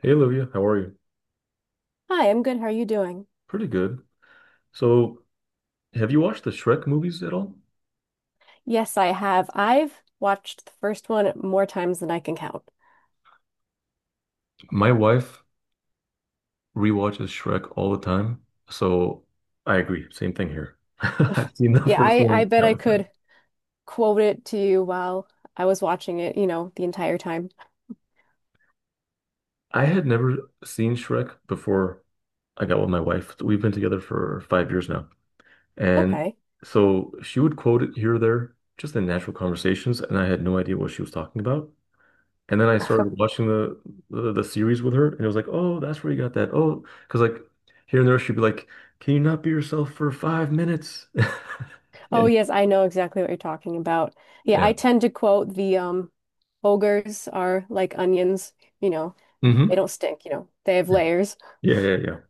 Hey Olivia, how are you? Hi, I'm good. How are you doing? Pretty good. So, have you watched the Shrek movies at all? Yes, I have. I've watched the first one more times than I can count. My wife rewatches Shrek all the time, so I agree. Same thing here. I've seen the Yeah, first I one bet I countless times. could quote it to you while I was watching it, you know, the entire time. I had never seen Shrek before I got with my wife. We've been together for 5 years now, and Okay. so she would quote it here or there, just in natural conversations, and I had no idea what she was talking about. And then I started watching the series with her, and it was like, oh, that's where you got that. Oh, because like here and there, she'd be like, "Can you not be yourself for 5 minutes?" Oh, And yes, I know exactly what you're talking about. Yeah, yeah, I tend to quote the ogres are like onions, you know, they hmm don't stink, you know, they have layers. yeah, yeah, yeah,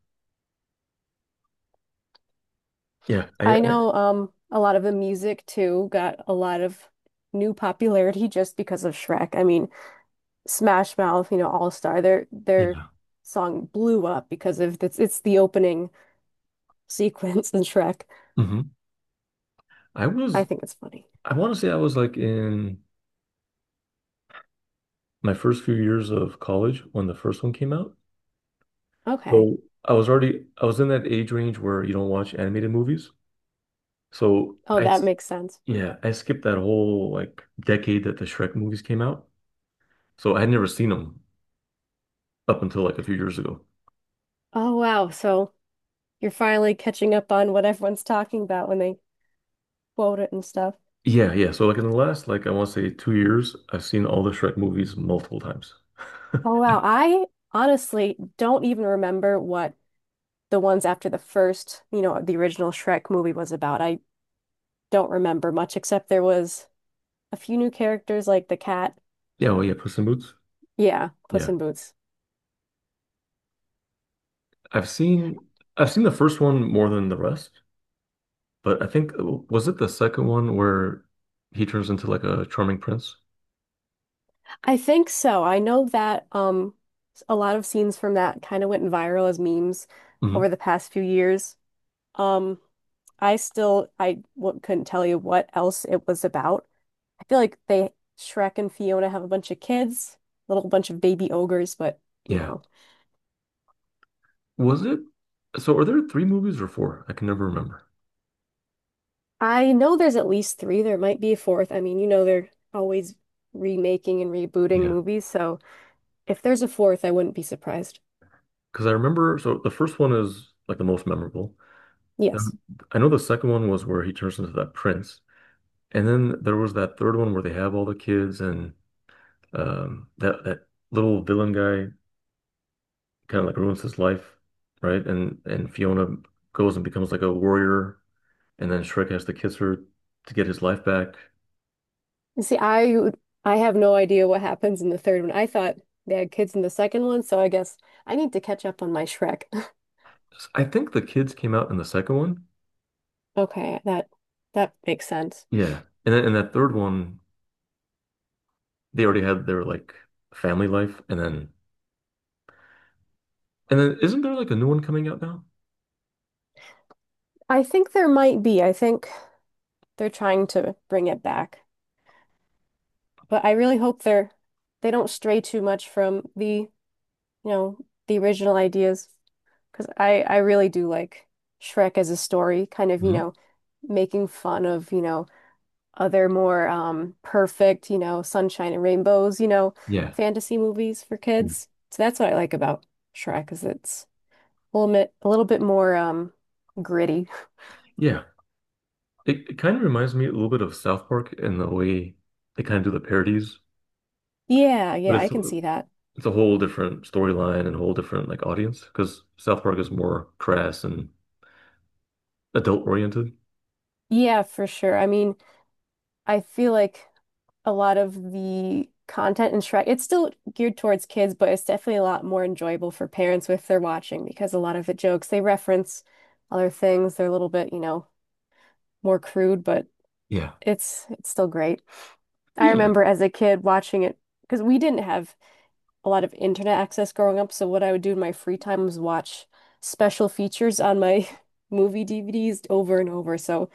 yeah. I I know a lot of the music too got a lot of new popularity just because of Shrek. I mean, Smash Mouth, you know, All Star, their yeah, song blew up because of it's the opening sequence in Shrek. hmm I I was think it's funny. I want to say I was like in my first few years of college when the first one came out. Okay. So I was in that age range where you don't watch animated movies. So Oh, that makes sense. yeah, I skipped that whole like decade that the Shrek movies came out. So I had never seen them up until like a few years ago. Oh wow. So you're finally catching up on what everyone's talking about when they quote it and stuff. Yeah, yeah. So like in the last like I want to say 2 years, I've seen all the Shrek movies multiple times. Oh wow. I honestly don't even remember what the ones after the first, you know, the original Shrek movie was about. I don't remember much except there was a few new characters like the cat. Yeah, oh yeah, Puss in Boots. Yeah, Puss Yeah. in Boots. I've seen I've seen the first one more than the rest, but I think was it the second one where he turns into like a charming prince? I think so. I know that a lot of scenes from that kind of went viral as memes over hmm the past few years. Um I still I w couldn't tell you what else it was about. I feel like they Shrek and Fiona have a bunch of kids, little bunch of baby ogres, but you Yeah. know. Was it? So are there three movies or four? I can never remember. I know there's at least three. There might be a fourth. I mean, you know, they're always remaking and rebooting Yeah. movies, so if there's a fourth, I wouldn't be surprised. Because I remember so the first one is like the most memorable. Yes. Then I know the second one was where he turns into that prince. And then there was that third one where they have all the kids and that little villain guy kind of like ruins his life, right? And Fiona goes and becomes like a warrior and then Shrek has to kiss her to get his life back. You see, I have no idea what happens in the third one. I thought they had kids in the second one, so I guess I need to catch up on my Shrek. S- I think the kids came out in the second one. Okay, that makes sense. Yeah. And then in that third one, they already had their like family life, and then isn't there like a new one coming out now? I think there might be. I think they're trying to bring it back. But I really hope they don't stray too much from the, you know, the original ideas because I really do like Shrek as a story, kind of, you hmm know, making fun of, you know, other more perfect, you know, sunshine and rainbows, you know, Yeah. fantasy movies for Yeah. kids. So that's what I like about Shrek is it's a little bit more gritty. Yeah. It kind of reminds me a little bit of South Park in the way they kind of do the parodies. Yeah, But yeah, I it's can see that. it's a whole different storyline and a whole different like audience because South Park is more crass and adult oriented. Yeah, for sure. I mean, I feel like a lot of the content in Shrek, it's still geared towards kids, but it's definitely a lot more enjoyable for parents if they're watching because a lot of the jokes they reference other things. They're a little bit, you know, more crude, but Yeah. it's still great. I Yeah, remember as a kid watching it because we didn't have a lot of internet access growing up. So what I would do in my free time was watch special features on my movie DVDs over and over. So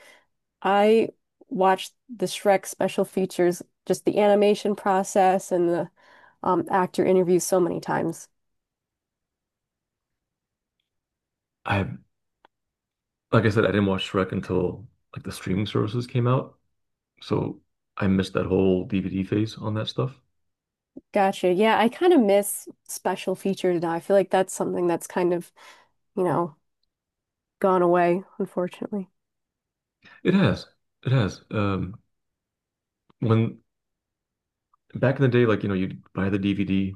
I watched the Shrek special features, just the animation process and the actor interviews so many times. I like I said, I didn't watch Shrek until like the streaming services came out, so I missed that whole DVD phase on that stuff. Gotcha. Yeah, I kind of miss special features now. I feel like that's something that's kind of, you know, gone away, unfortunately. It has, it has. When back in the day, like you know, you'd buy the DVD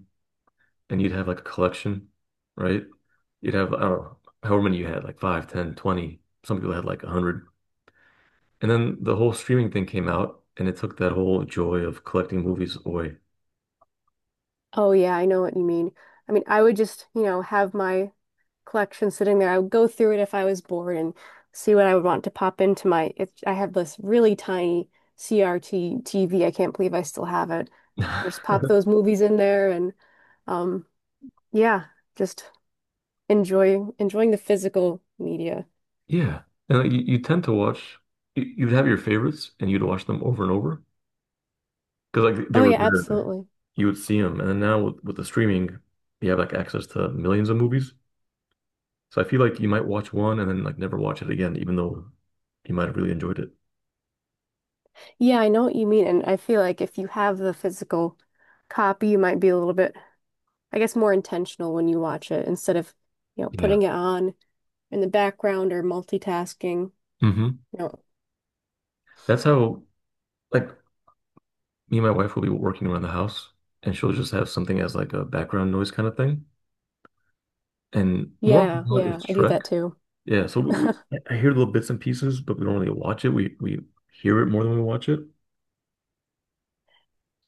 and you'd have like a collection, right? You'd have I don't know however many you had, like five, ten, 20. Some people had like a hundred. And then the whole streaming thing came out, and it took that whole joy of collecting movies away. Oh yeah, I know what you mean. I mean, I would just, you know, have my collection sitting there. I would go through it if I was bored and see what I would want to pop into my. It, I have this really tiny CRT TV. I can't believe I still have it. I just pop those movies in there and um yeah, just enjoying the physical media. Yeah. And like, you tend to watch, you'd have your favorites, and you'd watch them over and over because like they Oh were yeah, there. absolutely. You would see them, and then now with the streaming, you have like access to millions of movies. So I feel like you might watch one and then like never watch it again, even though you might have really enjoyed it. Yeah, I know what you mean, and I feel like if you have the physical copy, you might be a little bit, I guess, more intentional when you watch it instead of, you know, Yeah. putting it on in the background or multitasking. hmm You know, That's how like me and my wife will be working around the house, and she'll just have something as like a background noise kind of thing. And Mortal yeah, Kombat yeah, is I do Shrek. that too. Yeah, so we I hear little bits and pieces, but we don't really watch it. We hear it more than we watch it.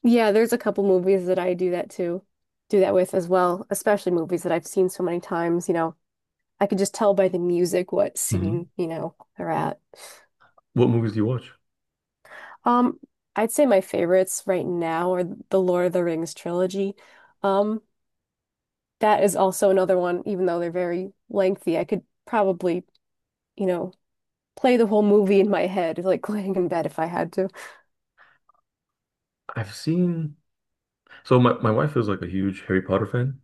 Yeah, there's a couple movies that I do that too, do that with as well, especially movies that I've seen so many times, you know. I could just tell by the music what hmm scene, you know, they're at. What movies do you watch? Um, I'd say my favorites right now are the Lord of the Rings trilogy. Um, that is also another one, even though they're very lengthy, I could probably, you know, play the whole movie in my head, like laying in bed if I had to. I've seen so my wife is like a huge Harry Potter fan,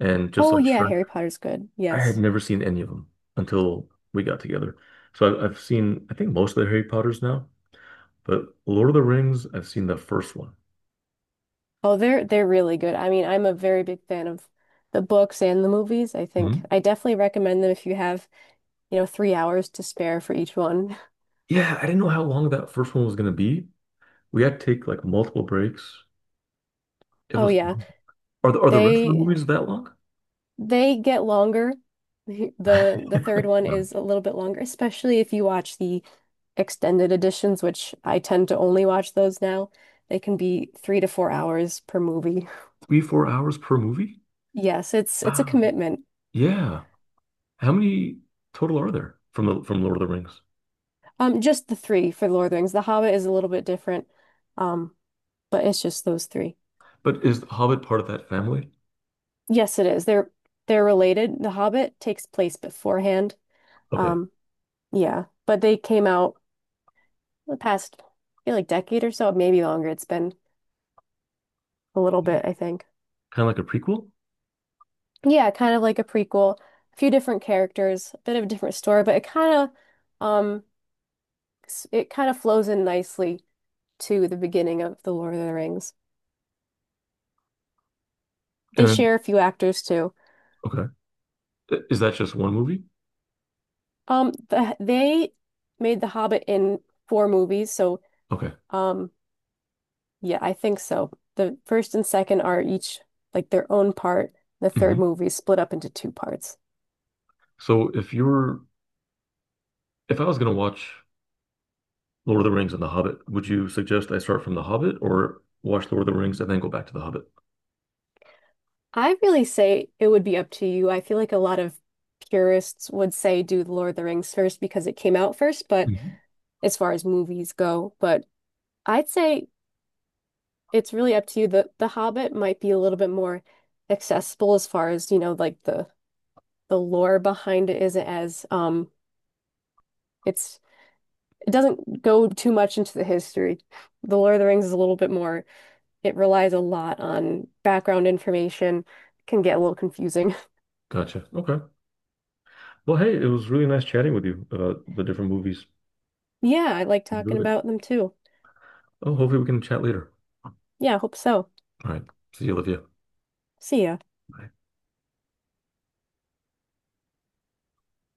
and just Oh like yeah, Shrek, Harry Potter's good. I had Yes. never seen any of them until we got together. So I've seen I think most of the Harry Potters now, but Lord of the Rings, I've seen the first one. Oh, they're really good. I mean, I'm a very big fan of the books and the movies. I think Mhm. I definitely recommend them if you have, you know, 3 hours to spare for each one. Yeah, I didn't know how long that first one was gonna be. We had to take like multiple breaks. It Oh was yeah. long. Are the rest of the They movies that long? they get longer. The third one Um, is a little bit longer, especially if you watch the extended editions, which I tend to only watch those now. They can be 3 to 4 hours per movie. three, 4 hours per movie? Yes, it's a Wow. commitment. Yeah. How many total are there from Lord of the Rings? Just the three for Lord of the Rings. The Hobbit is a little bit different. Um, but it's just those three. But is The Hobbit part of that family? Yes, it is. They're related. The Hobbit takes place beforehand. Okay. Um, yeah, but they came out the past, I feel like decade or so, maybe longer. It's been a little bit, I think. Kind of like a prequel? Yeah, kind of like a prequel. A few different characters, a bit of a different story, but it kind of um it kind of flows in nicely to the beginning of The Lord of the Rings. They And then, share a few actors too. okay. I- Is that just one movie? They made The Hobbit in 4 movies, so Okay. um yeah, I think so. The first and second are each like their own part. The third hmm movie is split up into two parts. So if I was going to watch Lord of the Rings and The Hobbit, would you suggest I start from The Hobbit or watch Lord of the Rings and then go back to The Hobbit? I really say it would be up to you. I feel like a lot of purists would say do The Lord of the Rings first because it came out first, but Mhm. as far as movies go, but I'd say it's really up to you. The Hobbit might be a little bit more accessible as far as, you know, like the lore behind it isn't as it's it doesn't go too much into the history. The Lord of the Rings is a little bit more, it relies a lot on background information, can get a little confusing. Gotcha. Okay. Well, hey, it was really nice chatting with you about the different movies. Yeah, I like talking Enjoyed it. about them too. Oh, hopefully we can chat later. Yeah, I hope so. All right. See you, Olivia. See ya. Bye.